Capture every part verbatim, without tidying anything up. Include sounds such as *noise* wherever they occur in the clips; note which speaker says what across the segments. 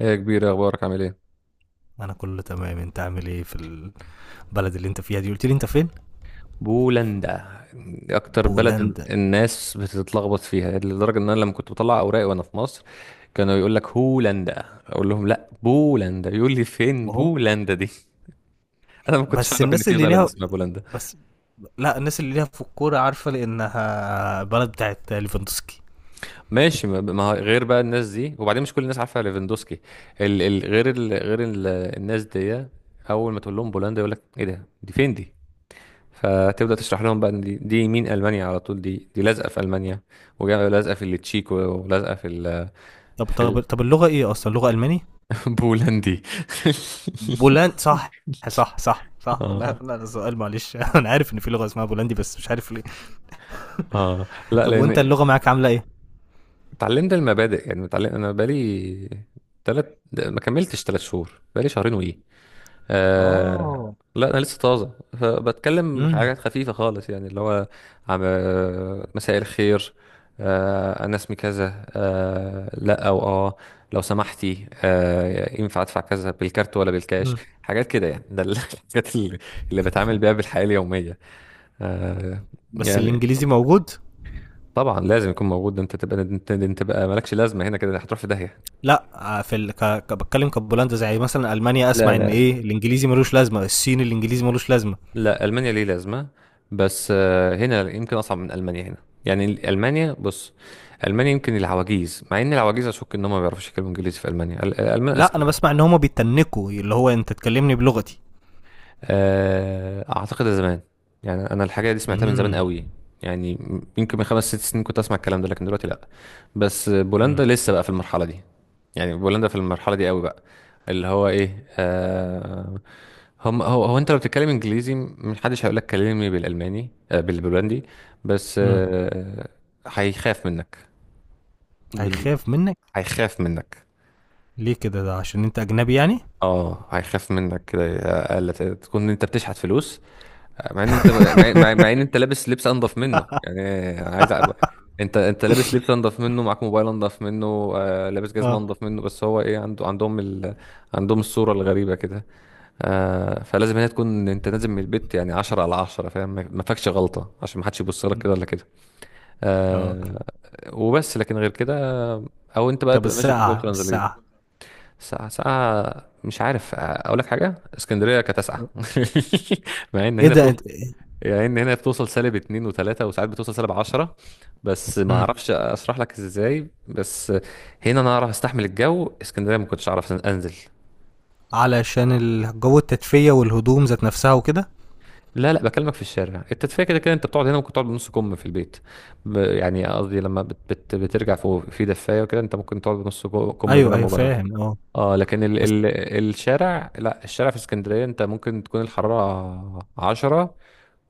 Speaker 1: ايه يا كبير، اخبارك؟ عامل ايه؟
Speaker 2: انا كله تمام. انت عامل ايه في البلد اللي انت فيها دي؟ قلت لي انت فين؟
Speaker 1: بولندا. اكتر بلد ال-
Speaker 2: بولندا؟
Speaker 1: الناس بتتلخبط فيها، لدرجه ان انا لما كنت بطلع اوراقي وانا في مصر كانوا يقول لك هولندا، اقول لهم لا بولندا، يقول لي فين
Speaker 2: وهم.
Speaker 1: بولندا دي؟ *laughs* انا ما كنتش
Speaker 2: بس
Speaker 1: اعرف ان
Speaker 2: الناس
Speaker 1: في
Speaker 2: اللي
Speaker 1: بلد
Speaker 2: ليها،
Speaker 1: اسمها بولندا.
Speaker 2: بس... لا، الناس اللي ليها في الكوره عارفه، لانها بلد بتاعت ليفاندوسكي.
Speaker 1: ماشي، ما ما هو غير بقى الناس دي، وبعدين مش كل الناس عارفه ليفاندوسكي. ال ال غير ال غير ال الناس دي اول ما تقول لهم بولندا يقول لك ايه ده، دي فين دي؟ فتبدأ تشرح لهم بقى إن دي, دي مين. ألمانيا على طول، دي دي لازقة في ألمانيا ولازقة في التشيك ولازقة في ال...
Speaker 2: طب
Speaker 1: في
Speaker 2: طب طب، اللغه ايه اصلا؟ لغه الماني؟
Speaker 1: البولندي.
Speaker 2: بولند، صح؟
Speaker 1: *laughs*
Speaker 2: صح، صح، صح. *laughs* لا،
Speaker 1: اه
Speaker 2: لا، ده سؤال معلش. *laughs* انا عارف ان في لغه اسمها بولندي، بس مش عارف ليه.
Speaker 1: اه لا،
Speaker 2: طب وانت
Speaker 1: لأن
Speaker 2: اللغه معاك عامله ايه؟
Speaker 1: اتعلمت المبادئ. يعني اتعلم، أنا بقالي تلات ما كملتش تلات شهور، بقالي شهرين وإيه. آه،
Speaker 2: اه.
Speaker 1: لا انا لسه طازه، فبتكلم
Speaker 2: امم
Speaker 1: حاجات خفيفه خالص، يعني اللي هو عم آه، مساء الخير، آه انا اسمي كذا، آه لا او اه لو سمحتي آه ينفع ادفع كذا بالكارت ولا بالكاش.
Speaker 2: أمم.
Speaker 1: حاجات كده يعني، ده ال- *laughs* الحاجات اللي, اللي بتعامل بيها بالحياه اليوميه. آه،
Speaker 2: بس
Speaker 1: يعني
Speaker 2: الانجليزي موجود؟
Speaker 1: طبعا لازم يكون موجود. ده انت تبقى انت, انت بقى مالكش لازمه هنا، كده هتروح في داهيه.
Speaker 2: لا، آه، في ال... ك... ك... بتكلم كبولندا، زي مثلا المانيا،
Speaker 1: لا
Speaker 2: اسمع ان
Speaker 1: لا،
Speaker 2: ايه الانجليزي ملوش لازمه، الصين الانجليزي ملوش لازمه.
Speaker 1: لا المانيا ليه لازمه، بس آه، هنا يمكن اصعب من المانيا. هنا يعني ال- المانيا، بص، المانيا يمكن العواجيز، مع ان العواجيز اشك ان هم ما بيعرفوش يتكلموا انجليزي. في المانيا ال- الالمان
Speaker 2: لا، انا
Speaker 1: اذكياء.
Speaker 2: بسمع ان هما بيتنكوا، اللي هو انت تكلمني بلغتي.
Speaker 1: آه، اعتقد ده زمان، يعني انا الحاجه دي سمعتها من زمان
Speaker 2: امم
Speaker 1: قوي. يعني يمكن من خمس ست سنين كنت اسمع الكلام ده، لكن دلوقتي لا. بس بولندا
Speaker 2: امم
Speaker 1: لسه بقى في المرحله دي، يعني بولندا في المرحله دي قوي بقى، اللي هو ايه، آه، هم هو هو انت لو بتتكلم انجليزي محدش هيقول لك كلمني بالالماني، آه بالبولندي. بس
Speaker 2: امم
Speaker 1: آه، هيخاف منك. بال...
Speaker 2: هيخاف منك؟
Speaker 1: هيخاف منك.
Speaker 2: ليه كده؟ ده عشان انت اجنبي يعني؟
Speaker 1: اه، هيخاف منك كده، اقل تكون انت بتشحت فلوس، مع ان انت مع, مع, مع ان انت لابس لبس انضف منه يعني. عايز أ... انت انت لابس لبس انضف منه، معاك موبايل انضف منه، آه لابس جزمه
Speaker 2: اه.
Speaker 1: انضف منه، بس هو ايه، عنده عندهم ال... عندهم الصوره الغريبه كده. آه، فلازم هي تكون انت نازل من البيت يعني عشرة على عشرة فاهم، ما ما فيكش غلطه، عشان ما حدش يبص لك
Speaker 2: مم.
Speaker 1: كده ولا كده.
Speaker 2: اه.
Speaker 1: آه، وبس، لكن غير كده او انت بقى
Speaker 2: طب
Speaker 1: تبقى ماشي بجوجل
Speaker 2: الساعه
Speaker 1: ترانزليت.
Speaker 2: الساعه
Speaker 1: ساعة ساعة مش عارف اقول لك حاجة. اسكندرية كانت اسقع *laughs* مع ان
Speaker 2: ايه
Speaker 1: هنا
Speaker 2: ده
Speaker 1: بتوصل،
Speaker 2: انت...
Speaker 1: يعني ان هنا بتوصل سالب اتنين وتلاتة، وساعات بتوصل سالب عشرة، بس ما
Speaker 2: مم.
Speaker 1: اعرفش اشرح لك ازاي. بس هنا انا اعرف استحمل الجو، اسكندريه ما كنتش اعرف انزل.
Speaker 2: علشان الجو، التدفئه والهدوم ذات نفسها وكده.
Speaker 1: لا لا، بكلمك في الشارع، التدفئه كده كده انت بتقعد هنا ممكن تقعد بنص كم في البيت، ب- يعني قصدي لما بت بت بترجع فوق في دفايه وكده انت ممكن تقعد بنص كو- كم
Speaker 2: ايوه،
Speaker 1: بلا
Speaker 2: ايوه،
Speaker 1: مبالغه.
Speaker 2: فاهم، اه.
Speaker 1: اه، لكن ال
Speaker 2: بس،
Speaker 1: ال الشارع، لا الشارع في اسكندريه انت ممكن تكون الحراره عشرة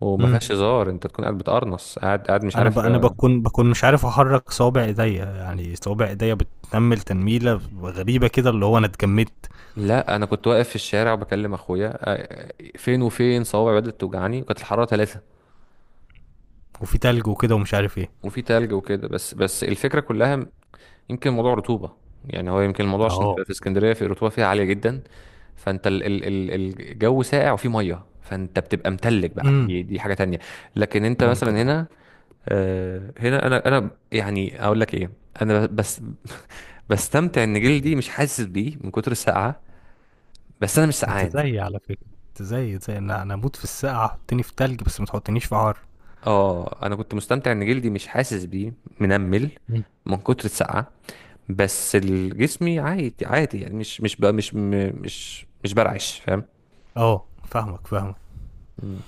Speaker 1: وما
Speaker 2: امم
Speaker 1: فيهاش هزار، انت تكون قاعد بتقرنص، قاعد قاعد مش
Speaker 2: انا ب...
Speaker 1: عارف.
Speaker 2: انا بكون بكون مش عارف احرك صوابع ايديا. يعني صوابع ايديا بتنمل تنميله غريبه كده، اللي هو انا اتجمدت.
Speaker 1: لا انا كنت واقف في الشارع وبكلم اخويا، آه، فين وفين صوابعي بدات توجعني، وكانت الحراره ثلاثة،
Speaker 2: وفي تلج وكده ومش عارف ايه.
Speaker 1: وفي تلج وكده. بس بس الفكره كلها م-... يمكن موضوع رطوبه، يعني هو يمكن الموضوع عشان
Speaker 2: اه.
Speaker 1: في في اسكندريه في الرطوبه فيها عاليه جدا، فانت ال ال ال الجو ساقع وفيه ميه فانت بتبقى متلج بقى،
Speaker 2: امم.
Speaker 1: دي دي حاجه تانية. لكن انت
Speaker 2: ممكن،
Speaker 1: مثلا
Speaker 2: اه.
Speaker 1: هنا آه، هنا انا انا يعني اقول لك ايه، انا بس بستمتع ان جلدي مش حاسس بيه من كتر السقعه، بس انا مش سقعان.
Speaker 2: انت زيي على فكره، انت زيي زي انا. انا اموت في السقعه، حطني في تلج بس ما تحطنيش في حر.
Speaker 1: اه انا كنت مستمتع ان جلدي مش حاسس بيه، منمل
Speaker 2: مم.
Speaker 1: من كتر السقعه، بس الجسمي عادي عادي، يعني مش مش بقى مش م- مش مش برعش، فاهم.
Speaker 2: اه، فاهمك فاهمك.
Speaker 1: مم.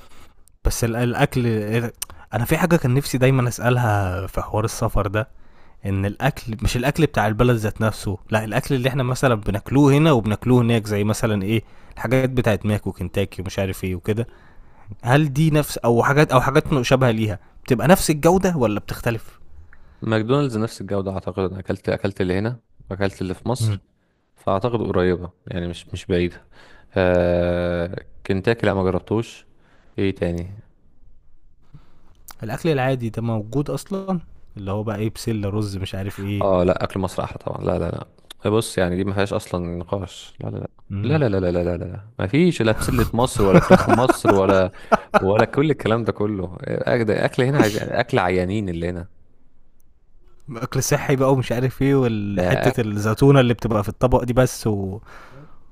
Speaker 2: بس ال... الاكل إيه؟ انا في حاجه كان نفسي دايما اسالها في حوار السفر ده، ان الاكل مش الاكل بتاع البلد ذات نفسه، لا الاكل اللي احنا مثلا بناكلوه هنا وبناكلوه هناك، زي مثلا ايه، الحاجات بتاعت ماك وكنتاكي ومش عارف ايه وكده. هل دي نفس، او حاجات، او حاجات مشابهه ليها، بتبقى نفس الجوده ولا بتختلف؟
Speaker 1: ماكدونالدز نفس الجوده، اعتقد، انا اكلت اكلت اللي هنا واكلت اللي في
Speaker 2: مم.
Speaker 1: مصر، فاعتقد قريبه يعني، مش مش بعيده. آه، كنتاكي لا ما جربتوش. ايه تاني؟
Speaker 2: الاكل العادي ده موجود اصلا؟ اللي هو بقى ايه، بسله رز مش عارف ايه.
Speaker 1: اه لا، اكل مصر احلى طبعا، لا لا، لا بص، يعني دي ما فيهاش اصلا نقاش، لا لا لا
Speaker 2: امم.
Speaker 1: لا لا لا لا لا لا لا ما فيش لا بسلة مصر ولا فراخ مصر ولا، ولا كل الكلام ده كله. اكل، أكل هنا عايز اكل، عيانين اللي هنا
Speaker 2: اكل صحي بقى ومش عارف ايه،
Speaker 1: ده.
Speaker 2: والحته الزيتونه اللي بتبقى في الطبق دي بس و...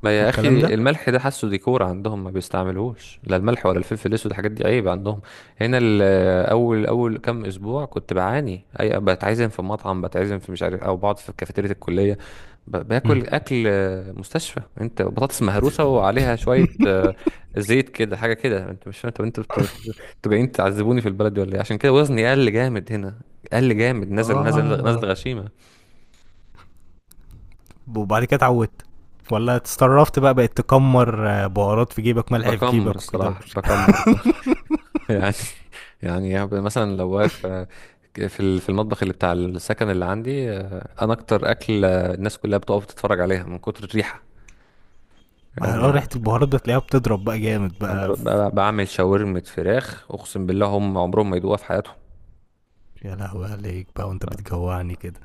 Speaker 1: ما يا
Speaker 2: والكلام ده.
Speaker 1: اخي الملح ده حاسه ديكور عندهم، ما بيستعملوش لا الملح ولا الفلفل الاسود، الحاجات دي عيب عندهم. هنا ال- اول اول كام اسبوع كنت بعاني، اي بتعزم في مطعم، بتعزم في مش عارف، او بقعد في كافيتيريا الكليه ب-
Speaker 2: مم.
Speaker 1: باكل اكل آه، مستشفى. انت بطاطس مهروسه وعليها شويه آه، زيت كده، حاجه كده انت مش فاهم. طب انتوا بت- انتوا جايين تعذبوني في البلد دي ولا ايه؟ عشان كده وزني قل جامد هنا، قل جامد، نزل نزل نزل
Speaker 2: اه.
Speaker 1: غشيمه.
Speaker 2: وبعد كده اتعودت، ولا اتسترفت بقى، بقت تكمر، آه، بهارات في جيبك، ملح في
Speaker 1: بكمر
Speaker 2: جيبك وكده؟
Speaker 1: الصراحه بكمر، يعني *laughs* يعني هب- مثلا لو واقف آه، في ال- في المطبخ اللي بتاع السكن اللي عندي، آه، انا اكتر اكل آه، الناس كلها بتقف تتفرج عليها من كتر الريحه، يعني
Speaker 2: اه، ريحة
Speaker 1: آه،
Speaker 2: البهارات ده تلاقيها بتضرب بقى جامد
Speaker 1: انا
Speaker 2: بقى
Speaker 1: ب-
Speaker 2: في...
Speaker 1: ب- بعمل شاورما فراخ، اقسم بالله هم عمرهم ما يدوقوها في حياتهم.
Speaker 2: يا لهوي عليك بقى وانت بتجوعني كده.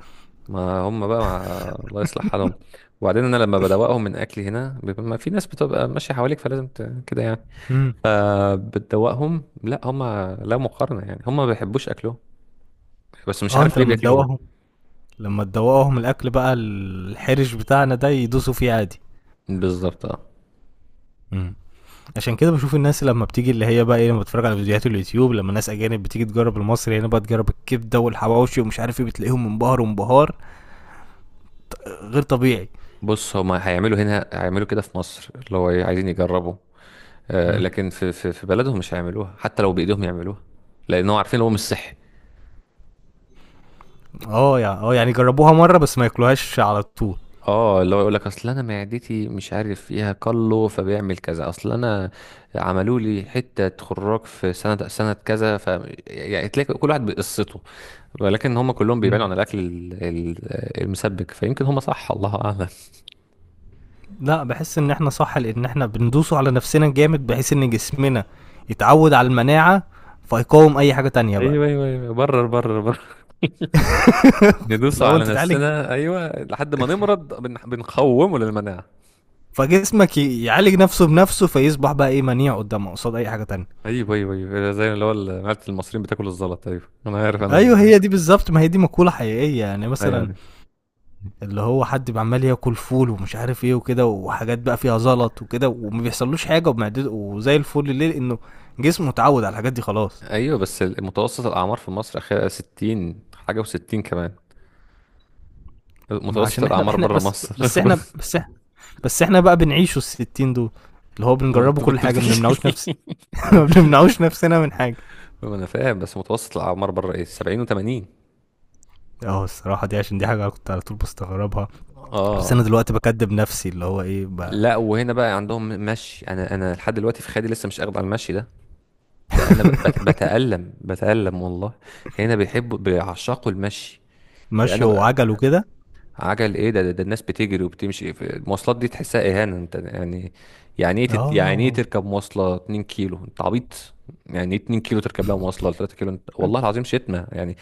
Speaker 1: ما هم بقى مع... الله يصلح حالهم. وبعدين انا لما بدوقهم من اكلي هنا بيبقى، ما في ناس بتبقى ماشيه حواليك فلازم ت... كده يعني،
Speaker 2: امم.
Speaker 1: آه، بتدوقهم. لا هم، لا مقارنه، يعني هم ما بيحبوش اكلهم، بس مش
Speaker 2: اه.
Speaker 1: عارف
Speaker 2: انت
Speaker 1: ليه
Speaker 2: لما
Speaker 1: بياكلوهم.
Speaker 2: تدوقهم لما تدوقهم الاكل بقى، الحرش بتاعنا ده يدوسوا فيه عادي.
Speaker 1: بالظبط، اه.
Speaker 2: امم. عشان كده بشوف الناس لما بتيجي، اللي هي بقى ايه، لما بتفرج على فيديوهات اليوتيوب، لما ناس اجانب بتيجي تجرب المصري هنا، بقى تجرب الكبده والحواوشي ومش عارف ايه، بتلاقيهم منبهر وانبهار آه، غير طبيعي.
Speaker 1: بص هما هيعملوا هنا، هيعملوا كده في مصر، اللي هو إيه، عايزين يجربوا، آه،
Speaker 2: امم.
Speaker 1: لكن في في في بلدهم مش هيعملوها، حتى لو بايدهم يعملوها، لانهم عارفين إن هو مش صحي.
Speaker 2: اه، يعني، اه، يعني جربوها مره بس ما ياكلوهاش على طول.
Speaker 1: اه، اللي هو يقول لك اصل انا معدتي مش عارف فيها كله، فبيعمل كذا، اصل انا عملوا لي حته خراج في سنه سنه كذا، ف يعني تلاقي كل واحد بقصته، ولكن هم كلهم بيبعدوا
Speaker 2: مم.
Speaker 1: عن الاكل ال- ال- المسبك، فيمكن هم صح، الله اعلم.
Speaker 2: لا، بحس ان احنا صح، لان احنا بندوسه على نفسنا جامد، بحيث ان جسمنا يتعود على المناعه، فيقاوم اي حاجه تانية بقى.
Speaker 1: ايوه ايوه ايوه برر برر،
Speaker 2: *laughs*
Speaker 1: ندوس
Speaker 2: لو انت
Speaker 1: على
Speaker 2: تعالج
Speaker 1: نفسنا ايوه، لحد ما نمرض بن... بنقومه للمناعه.
Speaker 2: فجسمك ي- يعالج نفسه بنفسه، فيصبح بقى ايه منيع قدامه، قصاد اي حاجه تانية.
Speaker 1: ايوه ايوه ايوه زي اللي هو ال- معلة المصريين بتاكل الزلط، ايوه انا عارف انا ال...
Speaker 2: ايوه، هي دي بالظبط، ما هي دي مقوله حقيقيه، يعني مثلا
Speaker 1: ايوه
Speaker 2: اللي هو حد عمال ياكل فول ومش عارف ايه وكده، وحاجات بقى فيها زلط وكده، وما بيحصلوش حاجه ومعدته وزي الفل. ليه؟ لانه جسمه اتعود على الحاجات دي خلاص.
Speaker 1: ايوه بس ال- متوسط الاعمار في مصر اخيرا ستين حاجه و60 كمان،
Speaker 2: ما
Speaker 1: متوسط
Speaker 2: عشان احنا
Speaker 1: الاعمار
Speaker 2: احنا
Speaker 1: بره
Speaker 2: بس
Speaker 1: مصر
Speaker 2: بس احنا بس احنا بس احنا بقى بنعيشوا الستين دول، اللي هو
Speaker 1: *laughs* ما
Speaker 2: بنجربه
Speaker 1: انت
Speaker 2: كل
Speaker 1: بت-
Speaker 2: حاجه، ما
Speaker 1: بتحكي.
Speaker 2: بنمنعوش نفس. *laughs* ما
Speaker 1: *laughs*
Speaker 2: بنمنعوش نفسنا من حاجه.
Speaker 1: ما انا فاهم، بس متوسط الاعمار بره ايه، سبعين وتمانين.
Speaker 2: اه، الصراحه دي عشان دي حاجه أنا كنت على طول بستغربها. بس انا
Speaker 1: اه
Speaker 2: دلوقتي بكدب نفسي، اللي هو ايه، ب-
Speaker 1: لا، وهنا بقى عندهم مشي، انا انا لحد دلوقتي في خيالي لسه مش اخد على المشي ده، ده انا ب- بت- بتألم، بتألم والله. هنا بيحبوا بيعشقوا المشي ده،
Speaker 2: ماشيه
Speaker 1: انا
Speaker 2: وعجل وكده.
Speaker 1: عجل ايه ده, ده, ده, الناس بتجري وبتمشي، في المواصلات دي تحسها اهانة انت يعني. يعني ايه تت يعني ايه
Speaker 2: اه.
Speaker 1: تركب مواصلة اتنين كيلو؟ انت عبيط، يعني ايه اتنين كيلو تركب لها مواصلة ولا تلاتة كيلو، انت والله العظيم شتمة يعني.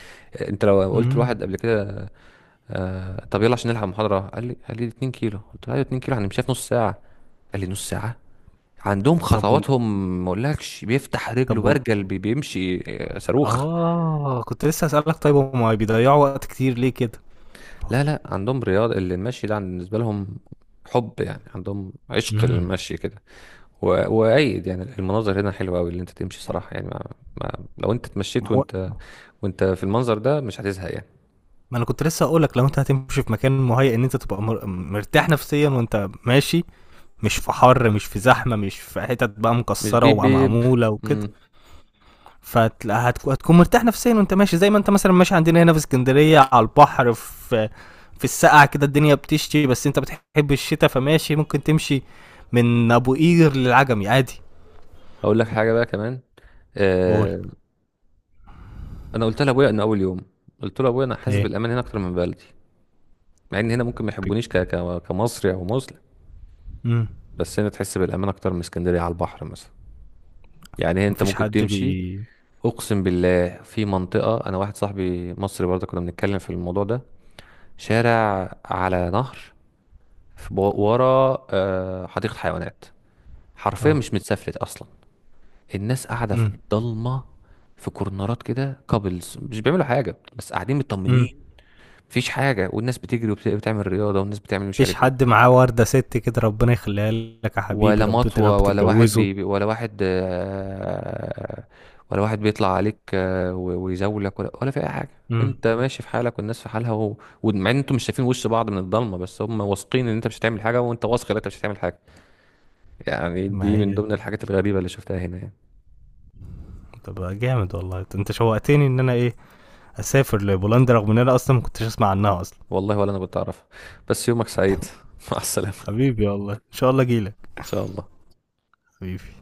Speaker 1: انت لو قلت
Speaker 2: امم.
Speaker 1: لواحد قبل كده آه طب يلا عشان نلحق محاضرة، قال لي قال لي اتنين كيلو، قلت له ايوه اتنين كيلو هنمشيها في نص ساعة، قال لي نص ساعة! عندهم
Speaker 2: طب وال
Speaker 1: خطواتهم ما اقولكش، بيفتح رجله
Speaker 2: طب وال
Speaker 1: برجل، بي- بيمشي آه، صاروخ.
Speaker 2: اه، كنت لسه هسألك، طيب هما بيضيعوا وقت كتير ليه كده؟
Speaker 1: لا لا عندهم رياضة، اللي المشي ده عن- بالنسبة لهم حب، يعني عندهم عشق
Speaker 2: امم.
Speaker 1: للمشي كده، و- وأيد يعني المناظر هنا حلوة أوي، اللي أنت تمشي صراحة، يعني ما ما لو أنت
Speaker 2: ما
Speaker 1: اتمشيت
Speaker 2: هو،
Speaker 1: وأنت، وأنت في المنظر ده، مش هتزهق يعني.
Speaker 2: ما انا كنت لسه هقولك، لو انت هتمشي في مكان مهيأ ان انت تبقى مر... مرتاح نفسيا وانت ماشي، مش في حر، مش في زحمه، مش في حتت بقى
Speaker 1: مش
Speaker 2: مكسره
Speaker 1: بيب بيب.
Speaker 2: ومعموله وكده،
Speaker 1: مم.
Speaker 2: فتلاقيها هتكون هتكون مرتاح نفسيا وانت ماشي. زي ما انت مثلا ماشي عندنا هنا في اسكندريه على البحر، في في السقعه كده، الدنيا بتشتي بس انت بتحب الشتاء، فماشي ممكن تمشي من ابو قير للعجمي عادي.
Speaker 1: أقول لك حاجة بقى كمان،
Speaker 2: قول.
Speaker 1: آه، أنا قلت لأبويا إن أول يوم، قلت له أبويا أنا حاسس
Speaker 2: ايه؟
Speaker 1: بالأمان هنا أكتر من بلدي، مع إن هنا ممكن ما يحبونيش ك- ك- كمصري أو مسلم،
Speaker 2: امم.
Speaker 1: بس هنا تحس بالامان اكتر من اسكندريه على البحر مثلا. يعني انت
Speaker 2: مفيش
Speaker 1: ممكن
Speaker 2: حد
Speaker 1: تمشي.
Speaker 2: بي
Speaker 1: اقسم بالله في منطقه، انا واحد صاحبي مصري برضه كنا بنتكلم في الموضوع ده، شارع على نهر، في- بو- ورا آه، حديقه حيوانات، حرفيا
Speaker 2: اه.
Speaker 1: مش متسفلت اصلا، الناس قاعده في
Speaker 2: امم.
Speaker 1: الضلمه، في كورنرات كده، كابلز مش بيعملوا حاجه بس قاعدين
Speaker 2: امم.
Speaker 1: مطمنين، مفيش حاجه، والناس بتجري وبتعمل رياضه والناس بتعمل مش
Speaker 2: مفيش
Speaker 1: عارف ايه.
Speaker 2: حد معاه ورده ست كده، ربنا يخليها لك يا حبيبي،
Speaker 1: ولا
Speaker 2: رب يا رب
Speaker 1: مطوة، ولا واحد
Speaker 2: تتجوزه.
Speaker 1: بي بي- ولا واحد آه، ولا واحد بيطلع عليك آه، و- ويزولك، ولا ولا في أي حاجة.
Speaker 2: امم.
Speaker 1: أنت ماشي في حالك والناس في حالها، و... ومع إن أنتوا مش شايفين وش بعض من الضلمة، بس هم واثقين إن أنت مش هتعمل حاجة، وأنت واثق إن أنت مش هتعمل حاجة. يعني
Speaker 2: ما
Speaker 1: دي من
Speaker 2: هي.
Speaker 1: ضمن الحاجات الغريبة اللي شفتها هنا يعني.
Speaker 2: طب جامد والله، انت شوقتني ان انا ايه، اسافر لبولندا، رغم ان انا اصلا ما كنتش اسمع عنها اصلا.
Speaker 1: والله ولا أنا كنت أعرفها. بس يومك سعيد، *laughs* مع السلامة،
Speaker 2: حبيبي والله، ان شاء الله اجيلك.
Speaker 1: إن شاء الله.
Speaker 2: حبيبي.